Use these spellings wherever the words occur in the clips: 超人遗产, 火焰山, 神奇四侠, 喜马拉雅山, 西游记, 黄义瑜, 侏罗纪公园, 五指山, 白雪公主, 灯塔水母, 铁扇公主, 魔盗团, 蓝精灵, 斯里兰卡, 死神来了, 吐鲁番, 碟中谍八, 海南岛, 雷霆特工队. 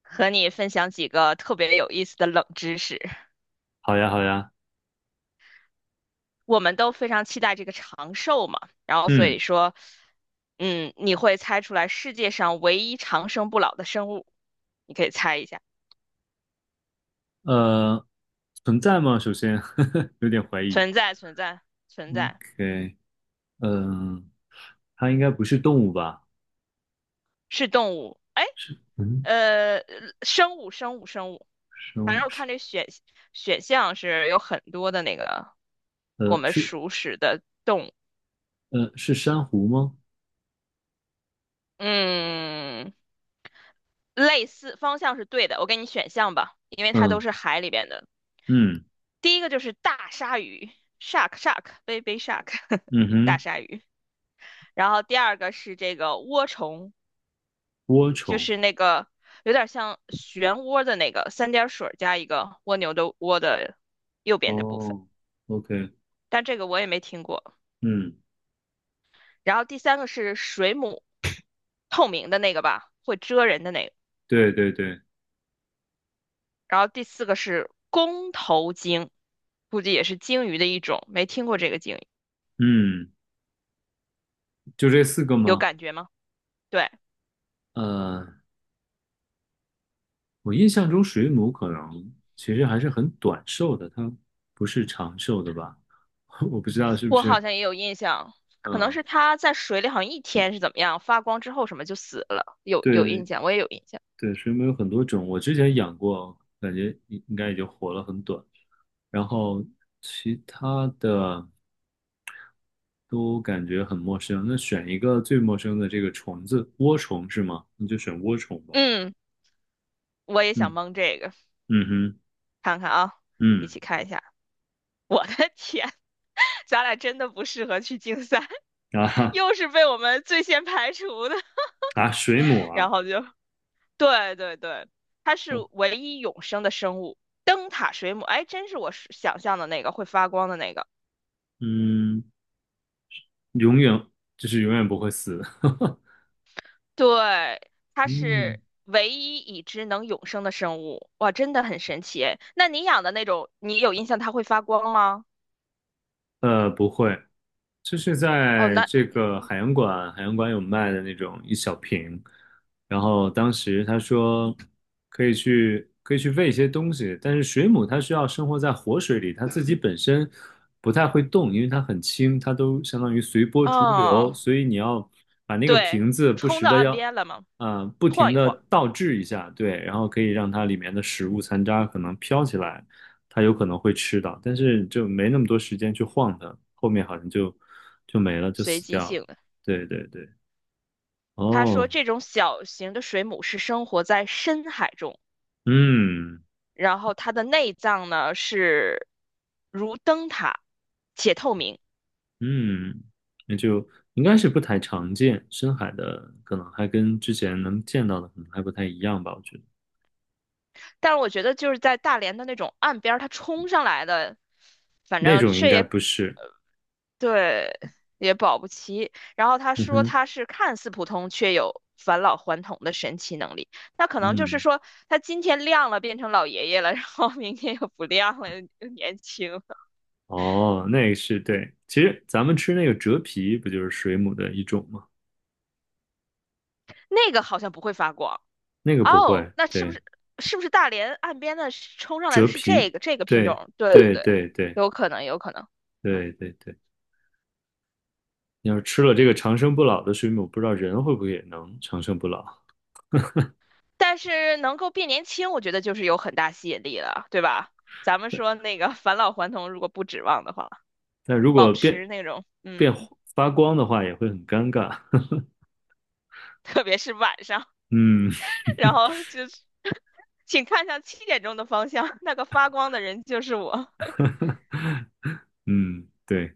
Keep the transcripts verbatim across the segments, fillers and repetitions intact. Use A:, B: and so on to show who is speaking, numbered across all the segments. A: 和你分享几个特别有意思的冷知识。
B: 好呀，好呀，
A: 我们都非常期待这个长寿嘛，然后所以
B: 嗯，
A: 说，嗯，你会猜出来世界上唯一长生不老的生物，你可以猜一下，
B: 呃，存在吗？首先 有点怀疑。
A: 存在存在存在，
B: OK，嗯，它应该不是动物吧？
A: 是动物，哎，
B: 嗯，
A: 呃，生物生物生物，
B: 生
A: 反
B: 物
A: 正我
B: 是，
A: 看这选选项是有很多的那个我
B: 呃，
A: 们
B: 是，
A: 熟识的动物，
B: 呃，是珊瑚吗？
A: 嗯。类似方向是对的，我给你选项吧，因为它都
B: 嗯
A: 是海里边的。
B: 嗯
A: 第一个就是大鲨鱼，shark shark baby shark，
B: 嗯
A: 大
B: 哼，
A: 鲨鱼。然后第二个是这个涡虫，
B: 涡
A: 就
B: 虫。
A: 是那个有点像漩涡的那个三点水加一个蜗牛的蜗的右边的部分，
B: 哦，OK，
A: 但这个我也没听过。
B: 嗯，
A: 然后第三个是水母，透明的那个吧，会蜇人的那个。
B: 对对对，
A: 然后第四个是弓头鲸，估计也是鲸鱼的一种，没听过这个鲸鱼，
B: 嗯，就这四个
A: 有
B: 吗？
A: 感觉吗？对，
B: 呃，我印象中水母可能其实还是很短寿的，它不是长寿的吧？我不知道是不
A: 我好
B: 是，
A: 像也有印象，可能
B: 嗯、
A: 是它在水里好像一天是怎么样，发光之后什么就死了，有有印
B: 对
A: 象，我也有印象。
B: 对，水母有很多种，我之前养过，感觉应应该也就活了很短。然后其他的都感觉很陌生。那选一个最陌生的这个虫子，涡虫是吗？你就选涡虫吧。
A: 嗯，我也想
B: 嗯
A: 蒙这个，
B: 嗯哼
A: 看看啊，一
B: 嗯
A: 起看一下。我的天，咱俩真的不适合去竞赛，
B: 啊 哈
A: 又是被我们最先排除的，
B: 啊，水母
A: 然
B: 啊，
A: 后就对对对，它是
B: 哦
A: 唯一永生的生物。灯塔水母，哎，真是我是想象的那个会发光的那个。
B: 嗯，永远就是永远不会死。
A: 对，它
B: 嗯
A: 是唯一已知能永生的生物，哇，真的很神奇诶。那你养的那种，你有印象它会发光吗？
B: 呃，不会，就是
A: 哦，
B: 在
A: 那
B: 这个海洋馆，海洋馆有卖的那种一小瓶，然后当时他说可以去可以去喂一些东西，但是水母它需要生活在活水里，它自己本身不太会动，因为它很轻，它都相当于随波逐流，
A: 哦，
B: 所以你要把那个
A: 对，
B: 瓶子
A: 就
B: 不
A: 冲
B: 时
A: 到
B: 的
A: 岸
B: 要，
A: 边了嘛，
B: 啊不停
A: 晃一
B: 的
A: 晃，
B: 倒置一下，对，然后可以让它里面的食物残渣可能飘起来，它有可能会吃到，但是就没那么多时间去晃它，后面好像就就没了，就
A: 随
B: 死
A: 机
B: 掉了。
A: 性的。
B: 对对对，
A: 他说，
B: 哦，
A: 这种小型的水母是生活在深海中，
B: 嗯
A: 然后它的内脏呢是如灯塔，且透明。
B: 嗯，那就应该是不太常见，深海的可能还跟之前能见到的可能还不太一样吧，我觉得
A: 但是我觉得就是在大连的那种岸边儿，它冲上来的，反
B: 那
A: 正
B: 种应
A: 这
B: 该
A: 也
B: 不是。
A: 对，也保不齐。然后他
B: 嗯
A: 说
B: 哼，
A: 他是看似普通，却有返老还童的神奇能力。那可能就是
B: 嗯，
A: 说他今天亮了，变成老爷爷了，然后明天又不亮了，又年轻了
B: 哦，那个是对，其实咱们吃那个折皮不就是水母的一种吗？
A: 那个好像不会发光。
B: 那个不
A: 哦，
B: 会，
A: 那是不
B: 对，
A: 是是不是大连岸边的是冲上来
B: 折
A: 的是这
B: 皮，
A: 个这个品
B: 对
A: 种？对对
B: 对
A: 对，
B: 对对
A: 有可能有可能，
B: 对对对。你要是吃了这个长生不老的水母，不知道人会不会也能长生不老。
A: 但是能够变年轻，我觉得就是有很大吸引力了，对吧？咱们说那个 返老还童，如果不指望的话，
B: 但如果
A: 保
B: 变
A: 持那种
B: 变
A: 嗯，
B: 发光的话，也会很尴尬。
A: 特别是晚上，
B: 嗯
A: 然后 就是 请看向七点钟的方向，那个发光的人就是我。
B: 嗯，对。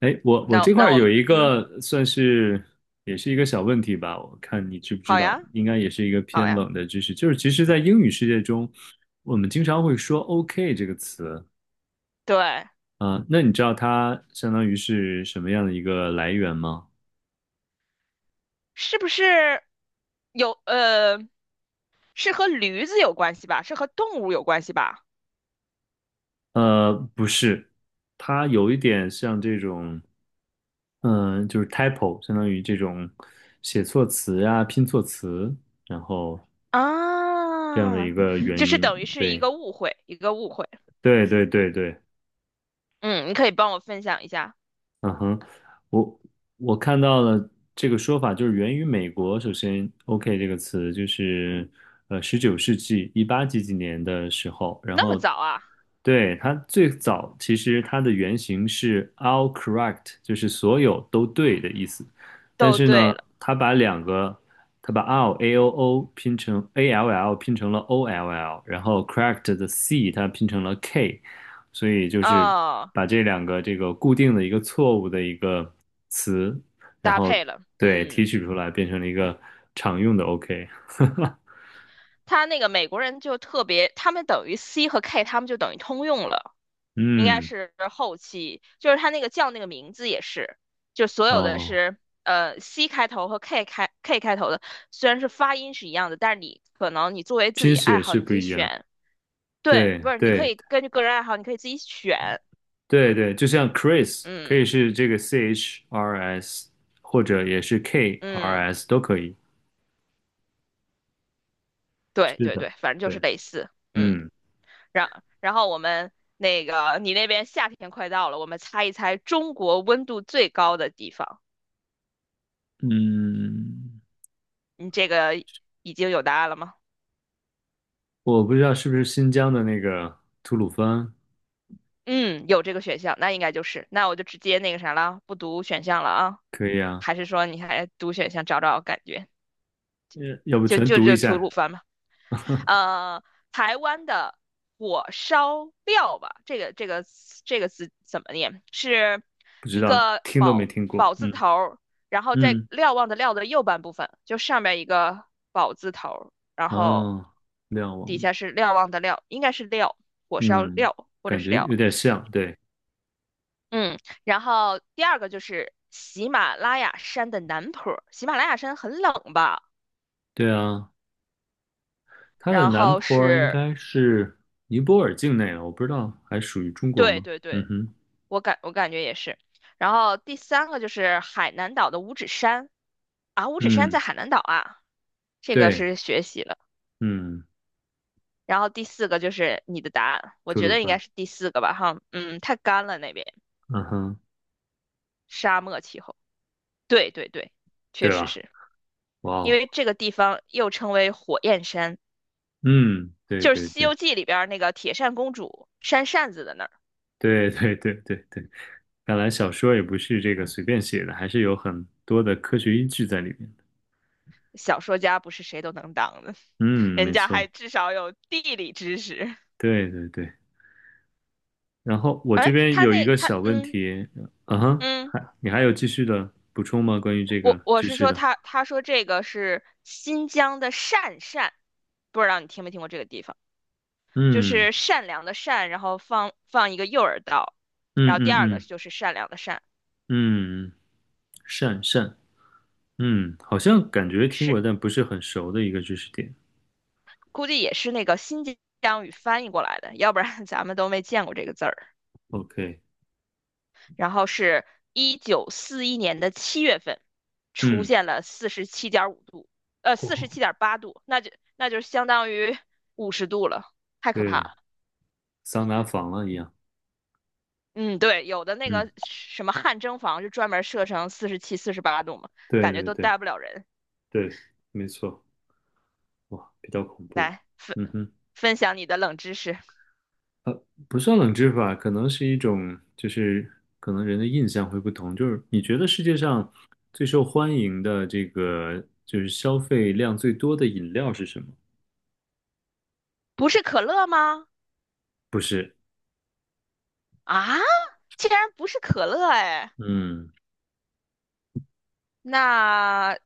B: 哎，我我
A: 那
B: 这块
A: 那
B: 儿
A: 我们
B: 有一
A: 嗯，
B: 个算是也是一个小问题吧，我看你知不知
A: 好
B: 道，
A: 呀
B: 应该也是一个
A: 好
B: 偏
A: 呀，
B: 冷的知识，就是其实，在英语世界中，我们经常会说 “OK” 这个词
A: 对，
B: 啊，那你知道它相当于是什么样的一个来源吗？
A: 是不是有呃？是和驴子有关系吧？是和动物有关系吧？
B: 呃，不是，它有一点像这种，嗯、就是 typo，相当于这种写错词呀、拼错词，然后这样的
A: 啊，
B: 一个
A: 就
B: 原
A: 是
B: 因。
A: 等于是一
B: 对，
A: 个误会，一个误会。
B: 对，对，对，对。
A: 嗯，你可以帮我分享一下。
B: 嗯哼，我我看到了这个说法，就是源于美国。首先，“OK” 这个词就是呃，十九世纪一八几几年的时候，然
A: 那么
B: 后
A: 早啊？
B: 对它最早其实它的原型是 “all correct”，就是所有都对的意思。但
A: 都
B: 是
A: 对
B: 呢，
A: 了，
B: 它把两个，它把 “all” A O O 拼成 A L L，拼成了 O L L，然后 “correct” 的 C 它拼成了 K，所以就是
A: 哦，
B: 把这两个这个固定的一个错误的一个词，然
A: 搭
B: 后
A: 配了。
B: 对提
A: 嗯，
B: 取出来，变成了一个常用的 OK。
A: 他那个美国人就特别，他们等于 C 和 K，他们就等于通用了，应该
B: 嗯，
A: 是后期，就是他那个叫那个名字也是，就所有的
B: 哦，
A: 是呃 C 开头和 K 开 K 开头的，虽然是发音是一样的，但是你可能你作为自
B: 拼
A: 己爱
B: 写
A: 好，
B: 是
A: 你
B: 不
A: 可以
B: 一样。
A: 选。对，
B: 对
A: 不是，你可
B: 对
A: 以根据个人爱好，你可以自己选。
B: 对对，就像 Chris 可
A: 嗯
B: 以是这个 C H R S，或者也是 K R
A: 嗯，
B: S 都可以。
A: 对
B: 是
A: 对
B: 的，
A: 对，反正就是
B: 对，
A: 类似。嗯，
B: 嗯
A: 然然后我们那个你那边夏天快到了，我们猜一猜中国温度最高的地方。
B: 嗯，
A: 你这个已经有答案了吗？
B: 我不知道是不是新疆的那个吐鲁番，
A: 嗯，有这个选项，那应该就是，那我就直接那个啥了，不读选项了啊？
B: 可以啊，
A: 还是说你还读选项找找感觉？
B: 要要不
A: 就
B: 全
A: 就
B: 读一
A: 就吐鲁
B: 下。
A: 番吧。呃，台湾的火烧料吧，这个这个这个字怎么念？是
B: 不知
A: 一
B: 道，
A: 个
B: 听都没
A: 宝
B: 听过。
A: 宝字
B: 嗯
A: 头儿然后在
B: 嗯，
A: 瞭望的瞭的右半部分，就上面一个宝字头儿然后
B: 哦，亮
A: 底
B: 王，
A: 下是瞭望的瞭，应该是料，火烧
B: 嗯，
A: 料或者
B: 感
A: 是
B: 觉有
A: 料。
B: 点像。对
A: 嗯，然后第二个就是喜马拉雅山的南坡儿喜马拉雅山很冷吧？
B: 对啊，它的
A: 然
B: 南
A: 后
B: 坡儿应
A: 是，
B: 该是尼泊尔境内了，我不知道还属于中国
A: 对
B: 吗？
A: 对
B: 嗯
A: 对，
B: 哼，
A: 我感我感觉也是。然后第三个就是海南岛的五指山啊，五指山在
B: 嗯，
A: 海南岛啊，这个
B: 对，
A: 是学习了。
B: 嗯，
A: 然后第四个就是你的答案，我
B: 吐
A: 觉
B: 鲁
A: 得应该
B: 番，
A: 是第四个吧，哈，嗯，太干了那边，
B: 嗯哼，
A: 沙漠气候。对对对，确
B: 对
A: 实
B: 了，
A: 是
B: 哇
A: 因
B: 哦，
A: 为这个地方又称为火焰山，
B: 嗯，对
A: 就是
B: 对
A: 《西
B: 对
A: 游记》里边儿那个铁扇公主扇扇子的那儿。
B: 对对对对对，看来小说也不是这个随便写的，还是有很多的科学依据在里面的。
A: 小说家不是谁都能当的，
B: 嗯，
A: 人
B: 没
A: 家还
B: 错，
A: 至少有地理知识。
B: 对对对。然后 我这
A: 哎，
B: 边
A: 他
B: 有一
A: 那
B: 个
A: 他
B: 小问
A: 嗯
B: 题，嗯哼，
A: 嗯。
B: 还你还有继续的补充吗？关于这
A: 我
B: 个
A: 我
B: 知
A: 是
B: 识
A: 说
B: 的，
A: 他他说这个是新疆的善善，不知道你听没听过这个地方，就
B: 嗯
A: 是善良的善，然后放放一个右耳道，
B: 嗯
A: 然后
B: 嗯
A: 第二个
B: 嗯
A: 就是善良的善，
B: 嗯，善善，嗯，好像感觉听
A: 是
B: 过，但不是很熟的一个知识点。
A: 估计也是那个新疆语翻译过来的，要不然 咱们都没见过这个字儿。
B: OK，
A: 然后是一九四一年的七月份，出
B: 嗯，
A: 现了四十七点五度，呃，四十
B: 哦，
A: 七点八度，那就那就相当于五十度了，太可怕
B: 对，
A: 了。
B: 桑拿房了一样，
A: 嗯，对，有的那
B: 嗯，
A: 个什么汗蒸房就专门设成四十七、四十八度嘛，
B: 对
A: 感觉
B: 对
A: 都
B: 对
A: 待不了人。
B: 对，没错，哇，比较恐怖，
A: 来分
B: 嗯哼。
A: 分享你的冷知识，
B: 不算冷知识吧，可能是一种，就是可能人的印象会不同。就是你觉得世界上最受欢迎的这个，就是消费量最多的饮料是什么？
A: 不是可乐吗？
B: 不是，
A: 啊，竟然不是可乐哎！
B: 嗯，
A: 那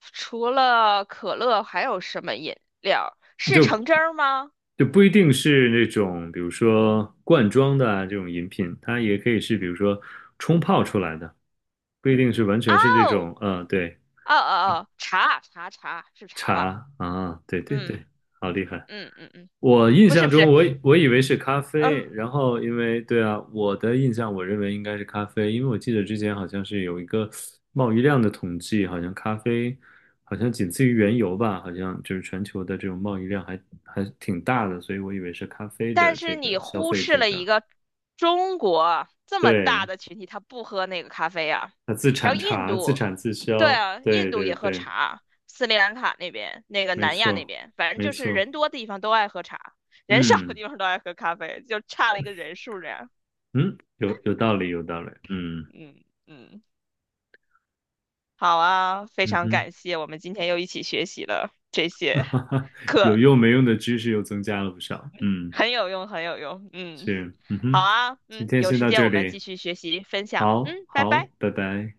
A: 除了可乐还有什么饮料？是橙
B: 就
A: 汁儿吗？
B: 就不一定是那种，比如说罐装的啊这种饮品，它也可以是，比如说冲泡出来的，不一定是完全是这
A: 哦，
B: 种，呃，对，
A: 哦哦哦，茶茶茶是茶吧？
B: 茶啊，对对
A: 嗯
B: 对，好厉害。
A: 嗯嗯嗯，
B: 我印
A: 不是
B: 象
A: 不
B: 中
A: 是，
B: 我以我以为是咖
A: 嗯。
B: 啡，然后因为对啊，我的印象我认为应该是咖啡，因为我记得之前好像是有一个贸易量的统计，好像咖啡好像仅次于原油吧，好像就是全球的这种贸易量还还挺大的，所以我以为是咖啡的
A: 但是
B: 这个
A: 你
B: 消
A: 忽
B: 费
A: 视
B: 最
A: 了一
B: 大。
A: 个中国这么大
B: 对，
A: 的群体，他不喝那个咖啡啊。
B: 它自
A: 然后
B: 产
A: 印
B: 茶，自
A: 度，
B: 产自
A: 对
B: 销，
A: 啊，印
B: 对
A: 度
B: 对
A: 也喝
B: 对，
A: 茶，斯里兰卡那边，那个
B: 没
A: 南亚那
B: 错
A: 边，反正
B: 没
A: 就是
B: 错，
A: 人多的地方都爱喝茶，人少的
B: 嗯
A: 地方都爱喝咖啡，就差了一个人数这样。
B: 嗯，有有道理有道理，嗯
A: 嗯嗯，好啊，非
B: 嗯
A: 常
B: 哼。
A: 感谢，我们今天又一起学习了这些
B: 有
A: 课，
B: 用没用的知识又增加了不少。嗯，
A: 很有用，很有用。嗯，
B: 是，嗯
A: 好
B: 哼，
A: 啊，
B: 今
A: 嗯，
B: 天
A: 有
B: 先
A: 时
B: 到
A: 间
B: 这
A: 我们
B: 里，
A: 继续学习分享。嗯，
B: 好
A: 拜
B: 好，
A: 拜。
B: 拜拜。